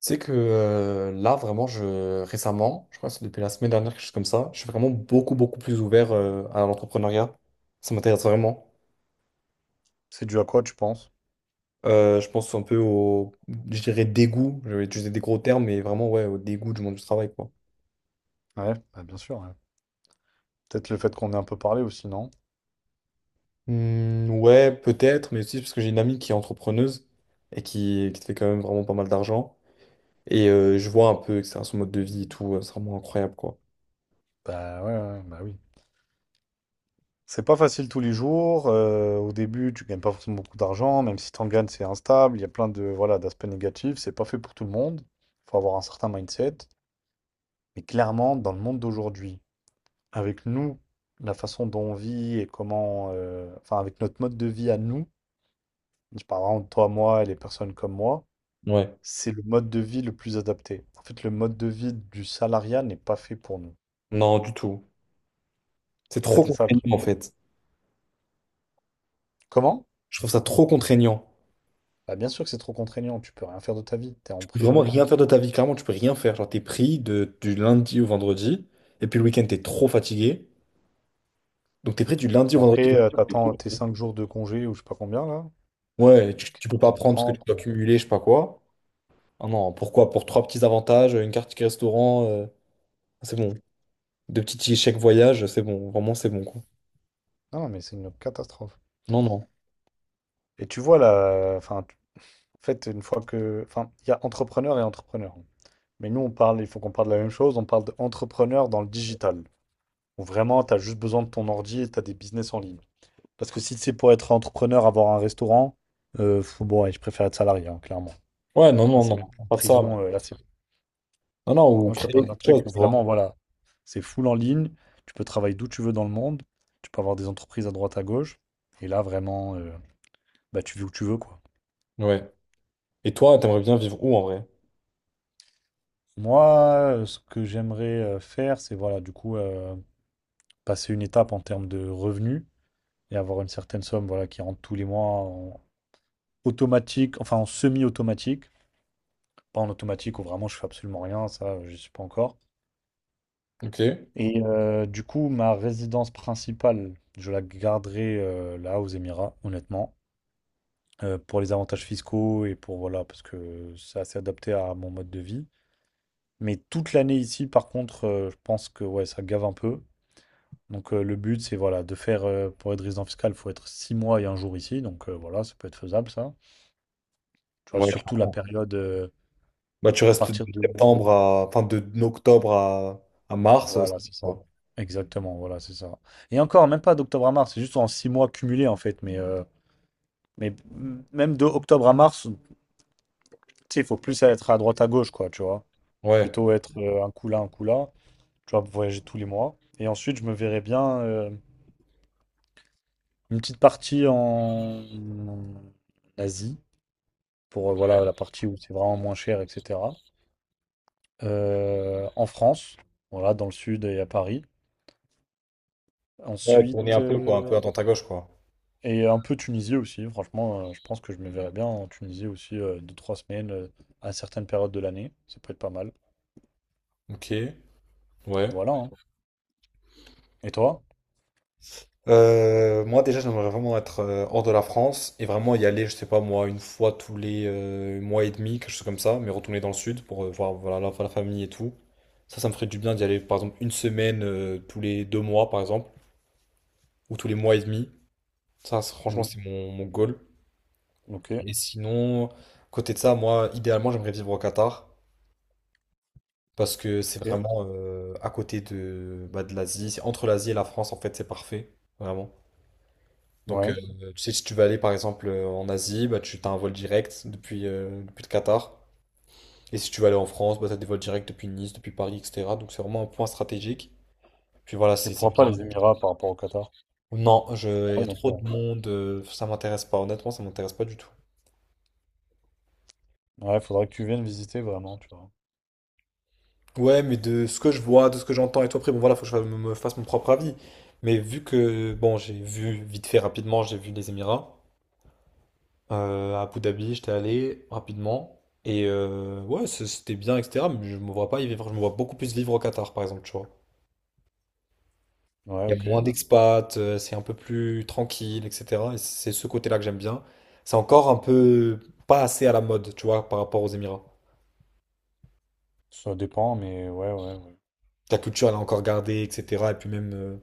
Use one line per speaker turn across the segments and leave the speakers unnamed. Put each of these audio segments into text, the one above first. C'est que là, vraiment, je récemment, je crois que c'est depuis la semaine dernière, quelque chose comme ça, je suis vraiment beaucoup plus ouvert à l'entrepreneuriat. Ça m'intéresse vraiment.
C'est dû à quoi, tu penses?
Je pense un peu je dirais, dégoût. Je vais utiliser des gros termes, mais vraiment, ouais, au dégoût du monde du travail, quoi.
Ouais, bah, bien sûr, ouais. Peut-être le fait qu'on ait un peu parlé aussi, non?
Ouais, peut-être, mais aussi parce que j'ai une amie qui est entrepreneuse et qui fait quand même vraiment pas mal d'argent. Et je vois un peu, etc., son mode de vie et tout, c'est vraiment incroyable, quoi.
Bah ouais, ouais, bah oui. C'est pas facile tous les jours. Au début, tu gagnes pas forcément beaucoup d'argent. Même si t'en gagnes, c'est instable. Il y a plein de voilà d'aspects négatifs. C'est pas fait pour tout le monde. Il faut avoir un certain mindset. Mais clairement, dans le monde d'aujourd'hui, avec nous, la façon dont on vit et comment, enfin avec notre mode de vie à nous, je parle vraiment de toi, moi et les personnes comme moi,
Ouais.
c'est le mode de vie le plus adapté. En fait, le mode de vie du salariat n'est pas fait pour nous.
Non, du tout. C'est
En fait,
trop
c'est ça le
contraignant,
truc.
en fait.
Comment?
Je trouve ça trop contraignant.
Bah, bien sûr que c'est trop contraignant, tu peux rien faire de ta vie, t'es
Vraiment
emprisonné.
rien faire de ta vie, clairement, tu peux rien faire. Genre, t'es pris du lundi au vendredi, et puis le week-end, t'es trop fatigué. Donc, t'es pris du lundi au
Après,
vendredi.
t'attends tes 5 jours de congé ou je sais pas combien là,
Ouais,
ou
tu peux pas
15 ou
prendre parce que tu
30.
dois cumuler, je sais pas quoi. Ah non, pourquoi? Pour trois petits avantages, une carte ticket restaurant, c'est bon. Deux petits tickets chèque voyage, c'est bon. Vraiment, c'est bon, quoi.
Non, non, mais c'est une catastrophe.
Non, non.
Et tu vois là, enfin, en fait, une fois que. Enfin, il y a entrepreneur et entrepreneur. Mais nous, on parle, il faut qu'on parle de la même chose, on parle d'entrepreneur dans le digital. Où vraiment, t'as juste besoin de ton ordi et t'as des business en ligne. Parce que si c'est pour être entrepreneur, avoir un restaurant, bon, ouais, je préfère être salarié, hein, clairement.
Ouais, non,
Là,
non,
c'est
non.
même plus une
Pas de ça. Non,
prison. Là, c'est
non, ou
Moi, je te
créer
parle d'un
quelque
truc
chose,
où
tu vois.
vraiment, voilà, c'est full en ligne, tu peux travailler d'où tu veux dans le monde, tu peux avoir des entreprises à droite à gauche, et là, vraiment, bah, tu vis où tu veux, quoi.
Ouais. Et toi, t'aimerais bien vivre où en vrai?
Moi, ce que j'aimerais faire, c'est, voilà, du coup, passer une étape en termes de revenus et avoir une certaine somme, voilà, qui rentre tous les mois en automatique, enfin en semi-automatique, pas en automatique où vraiment je fais absolument rien, ça, je suis pas encore.
Ok. Ouais.
Et du coup, ma résidence principale, je la garderai là aux Émirats, honnêtement. Pour les avantages fiscaux et pour voilà, parce que c'est assez adapté à mon mode de vie. Mais toute l'année ici, par contre, je pense que ouais, ça gave un peu. Donc le but, c'est voilà, de faire pour être résident fiscal, il faut être 6 mois et 1 jour ici. Donc voilà, ça peut être faisable ça. Tu vois, surtout la
Clairement.
période
Bah, tu
à
restes de
partir de.
septembre à, enfin, de octobre à mars, c'est
Voilà,
tout,
c'est ça.
quoi.
Exactement, voilà, c'est ça. Et encore, même pas d'octobre à mars, c'est juste en 6 mois cumulés en fait. Mais même de octobre à mars, tu sais, il faut plus être à droite à gauche, quoi, tu vois.
Ouais.
Plutôt être un coup là, un coup là. Tu vois, voyager tous les mois. Et ensuite, je me verrais bien une petite partie en Asie, pour voilà, la partie où c'est vraiment moins cher, etc. En France, voilà, dans le sud et à Paris.
Ouais, tourner
Ensuite,
un peu, quoi, un peu à droite à gauche, quoi.
et un peu Tunisie aussi. Franchement, je pense que je me verrais bien en Tunisie aussi, 2, 3 semaines, à certaines périodes de l'année. Ça peut être pas mal.
Ok, ouais.
Et voilà. Hein. Et toi?
Moi, déjà, j'aimerais vraiment être hors de la France et vraiment y aller, je sais pas moi, une fois tous les mois et demi, quelque chose comme ça, mais retourner dans le sud pour voir voilà, la famille et tout. Ça me ferait du bien d'y aller, par exemple, une semaine tous les deux mois, par exemple, ou tous les mois et demi. Ça, franchement,
Mm.
c'est mon goal.
Ok,
Et sinon, à côté de ça, moi, idéalement, j'aimerais vivre au Qatar. Parce que c'est
ok.
vraiment à côté de, bah, de l'Asie. C'est entre l'Asie et la France, en fait, c'est parfait. Vraiment. Donc,
Ouais.
tu sais, si tu veux aller, par exemple, en Asie, bah, tu as un vol direct depuis le Qatar. Et si tu veux aller en France, bah, tu as des vols directs depuis Nice, depuis Paris, etc. Donc, c'est vraiment un point stratégique. Puis voilà,
Et
c'est
pourquoi
bien.
pas les Émirats par rapport au Qatar?
Non, je... il y a
Pareil en
trop de
soi.
monde. Ça m'intéresse pas. Honnêtement, ça m'intéresse pas du tout.
Ouais, faudrait que tu viennes visiter vraiment, tu vois.
Ouais, mais de ce que je vois, de ce que j'entends et tout, après, bon, voilà, faut que je me fasse mon propre avis. Mais vu que, bon, j'ai vu vite fait rapidement, j'ai vu les Émirats. À Abu Dhabi, j'étais allé rapidement. Et ouais, c'était bien, etc. Mais je me vois pas y vivre. Je me vois beaucoup plus vivre au Qatar, par exemple, tu vois.
Ouais,
Il y a
ok.
moins d'expats, c'est un peu plus tranquille, etc. Et c'est ce côté-là que j'aime bien. C'est encore un peu pas assez à la mode, tu vois, par rapport aux Émirats.
Ça dépend, mais ouais, ouais, ouais.
La culture, elle est encore gardée, etc. Et puis même,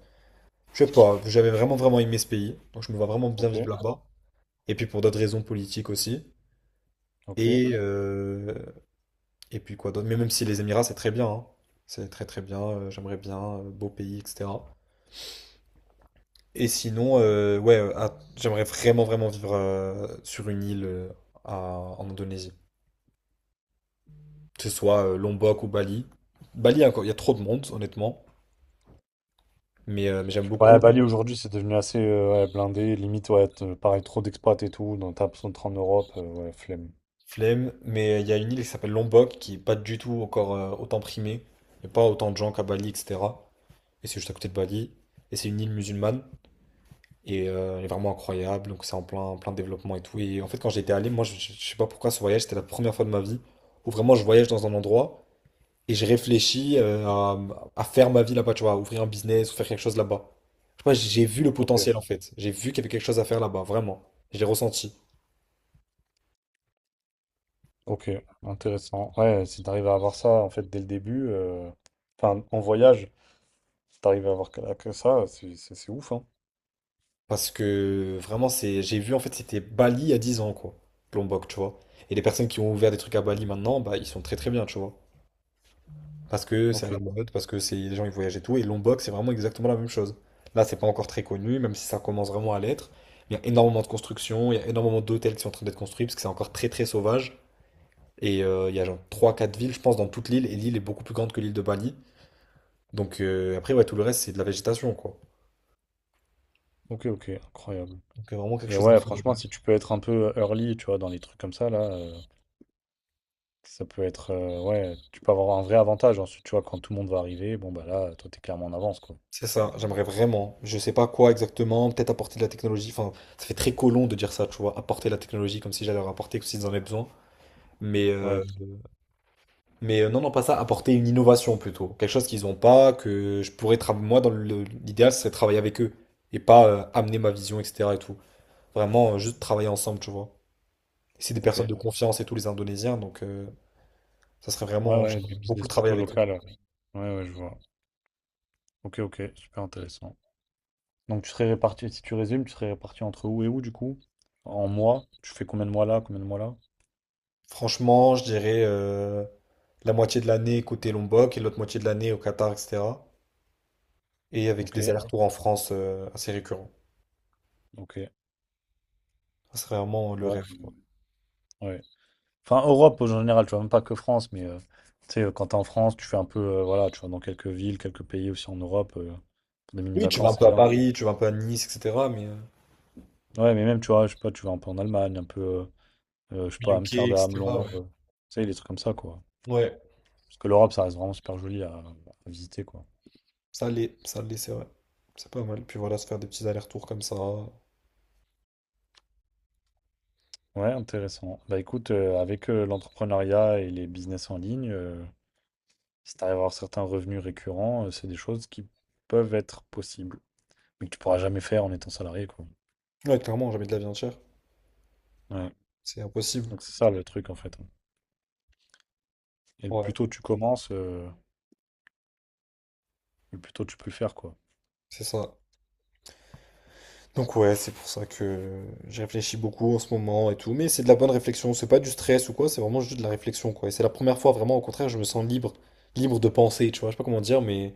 je sais pas, j'avais vraiment, vraiment aimé ce pays. Donc je me vois vraiment bien
Ok,
vivre là-bas. Et puis pour d'autres raisons politiques aussi.
ok.
Et, euh, Et puis quoi d'autre? Mais même si les Émirats, c'est très bien, hein. C'est très très bien. J'aimerais bien. Beau pays, etc. Et sinon, ouais, ah, j'aimerais vraiment vraiment vivre sur une île à- en Indonésie. Que ce soit Lombok ou Bali. Bali, encore, il y a trop de monde, honnêtement. Mais j'aime
Ouais,
beaucoup.
Bali aujourd'hui, c'est devenu assez ouais, blindé. Limite, ouais, pareil, trop d'expats et tout. Donc, t'as besoin de te rendre en Europe, ouais, flemme.
Flemme. Mais il y a une île qui s'appelle Lombok qui est pas du tout encore autant primée. Il n'y a pas autant de gens qu'à Bali, etc. Et c'est juste à côté de Bali. Et c'est une île musulmane. Et elle est vraiment incroyable, donc c'est en plein développement et tout. Et en fait, quand j'étais allé, moi, sais pas pourquoi ce voyage, c'était la première fois de ma vie où vraiment je voyage dans un endroit et je réfléchis à faire ma vie là-bas, tu vois, à ouvrir un business ou faire quelque chose là-bas. Je sais pas, j'ai vu le
Ok,
potentiel en fait. J'ai vu qu'il y avait quelque chose à faire là-bas, vraiment. Je l'ai ressenti.
ok, intéressant. Ouais, si t'arrives à avoir ça, en fait, dès le début, enfin, en voyage, si t'arrives à avoir que ça, c'est ouf, hein.
Parce que vraiment, j'ai vu en fait, c'était Bali il y a 10 ans, quoi. Lombok, tu vois. Et les personnes qui ont ouvert des trucs à Bali maintenant, bah, ils sont très très bien, tu vois. Parce que c'est à
Ok,
la mode, parce que c'est les gens ils voyagent et tout. Et l'onbox, c'est vraiment exactement la même chose. Là, c'est pas encore très connu, même si ça commence vraiment à l'être. Il y a énormément de constructions, il y a énormément d'hôtels qui sont en train d'être construits parce que c'est encore très très sauvage. Et il y a genre 3-4 villes, je pense, dans toute l'île. Et l'île est beaucoup plus grande que l'île de Bali. Donc après, ouais, tout le reste, c'est de la végétation, quoi.
ok, ok, incroyable.
Donc vraiment quelque
Et
chose à
ouais,
faire.
franchement, si tu peux être un peu early, tu vois, dans les trucs comme ça, là. Ça peut être, ouais, tu peux avoir un vrai avantage ensuite, tu vois? Quand tout le monde va arriver, bon, bah, là, toi, t'es clairement en avance, quoi.
C'est ça, j'aimerais vraiment. Je sais pas quoi exactement, peut-être apporter de la technologie. Enfin, ça fait très colon de dire ça, tu vois, apporter la technologie comme si j'allais leur apporter, comme s'ils en avaient besoin. Mais
Ouais,
euh, Mais non, non, pas ça, apporter une innovation plutôt. Quelque chose qu'ils n'ont pas, que je pourrais travailler. Moi, dans l'idéal, c'est travailler avec eux et pas amener ma vision, etc. et tout. Vraiment, juste travailler ensemble, tu vois. Et c'est des personnes
OK.
de confiance et tous les Indonésiens, donc ça serait
Ouais,
vraiment
ouais, du
j'aimerais beaucoup
business
travailler
plutôt
avec eux.
local, ouais. Ouais, ouais, je vois. OK, OK, super intéressant. Donc tu serais réparti si tu résumes, tu serais réparti entre où et où, du coup? En mois? Tu fais combien de mois là, combien de mois là?
Franchement, je dirais la moitié de l'année côté Lombok et l'autre moitié de l'année au Qatar, etc. Et avec des
OK,
allers-retours en France assez récurrents.
OK,
Ça serait vraiment le
ouais,
rêve, quoi.
ouais. Enfin, Europe en général, tu vois? Même pas que France, mais, tu sais, quand t'es en France, tu fais un peu, voilà, tu vas dans quelques villes, quelques pays aussi en Europe, pour des
Oui, tu vas un
mini-vacances, c'est
peu à
bien.
Paris, tu vas un peu à Nice, etc. Mais
Ouais, mais même, tu vois, je sais pas, tu vas un peu en Allemagne, un peu, je sais pas,
UK,
Amsterdam,
etc. Ouais.
Londres, tu sais, des trucs comme ça, quoi.
Ouais.
Parce que l'Europe, ça reste vraiment super joli à visiter, quoi.
Ça l'est, c'est vrai. C'est pas mal. Puis voilà, se faire des petits allers-retours comme ça. Ouais,
Ouais, intéressant. Bah écoute, avec l'entrepreneuriat et les business en ligne, si t'arrives à avoir certains revenus récurrents, c'est des choses qui peuvent être possibles, mais que tu pourras jamais faire en étant salarié, quoi.
clairement, jamais de la viande chère.
Ouais.
C'est impossible.
Donc c'est ça le truc, en fait. Et le plus
Ouais,
tôt tu commences, le plus tôt tu peux le faire, quoi.
c'est ça. Donc ouais, c'est pour ça que j'ai réfléchi beaucoup en ce moment et tout. Mais c'est de la bonne réflexion. C'est pas du stress ou quoi, c'est vraiment juste de la réflexion, quoi. Et c'est la première fois, vraiment, au contraire, je me sens libre. Libre de penser, tu vois. Je sais pas comment dire, mais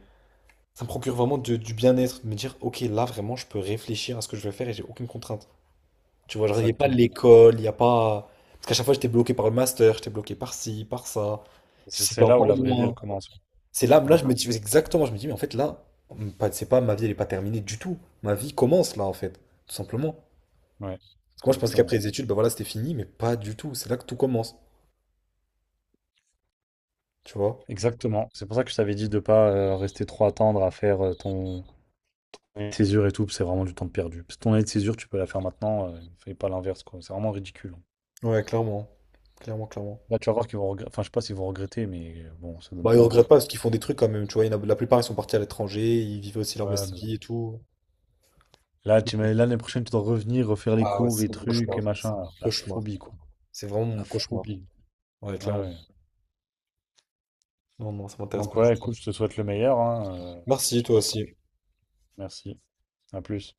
ça me procure vraiment du bien-être. De me dire, ok, là, vraiment, je peux réfléchir à ce que je vais faire et j'ai aucune contrainte. Tu vois, genre, il n'y a pas
Exactement.
l'école, il n'y a pas. Parce qu'à chaque fois, j'étais bloqué par le master, j'étais bloqué par ci, par ça.
C'est
C'était
c'est là où
encore
la vraie vie, elle
loin.
commence.
C'est là,
Ouais,
je me dis exactement, je me dis, mais en fait, là, c'est pas ma vie, elle n'est pas terminée du tout. Ma vie commence là, en fait, tout simplement.
ouais,
Parce que moi, je pensais qu'après
exactement.
les études, ben voilà, c'était fini, mais pas du tout. C'est là que tout commence, tu vois.
Exactement. C'est pour ça que je t'avais dit de pas rester trop attendre à faire ton année de césure et tout, parce que c'est vraiment du temps de perdu. Parce que ton année de césure, tu peux la faire maintenant, fais pas l'inverse, quoi. C'est vraiment ridicule.
Ouais, clairement, clairement, clairement.
Là, tu vas voir qu'ils vont regretter. Enfin, je sais pas s'ils vont regretter, mais bon, ça donne
Bah, ils
pas envie,
regrettent pas
quoi.
parce qu'ils font des trucs quand même, tu vois. Il y en a- la plupart, ils sont partis à l'étranger, ils vivaient aussi leur
Ouais,
best
mais bon.
vie et tout.
Là, l'année prochaine, tu dois revenir, refaire les
Ah ouais,
cours
c'est
et
mon
trucs
cauchemar.
et machin.
C'est mon
Alors, la
cauchemar.
phobie, quoi.
C'est vraiment mon
La
cauchemar.
phobie.
Ouais,
Ouais,
clairement.
ouais.
Non, non, ça m'intéresse
Donc,
pas du
ouais, écoute,
tout.
je te souhaite le meilleur, hein.
Merci, toi
J'espère que.
aussi.
Merci. À plus.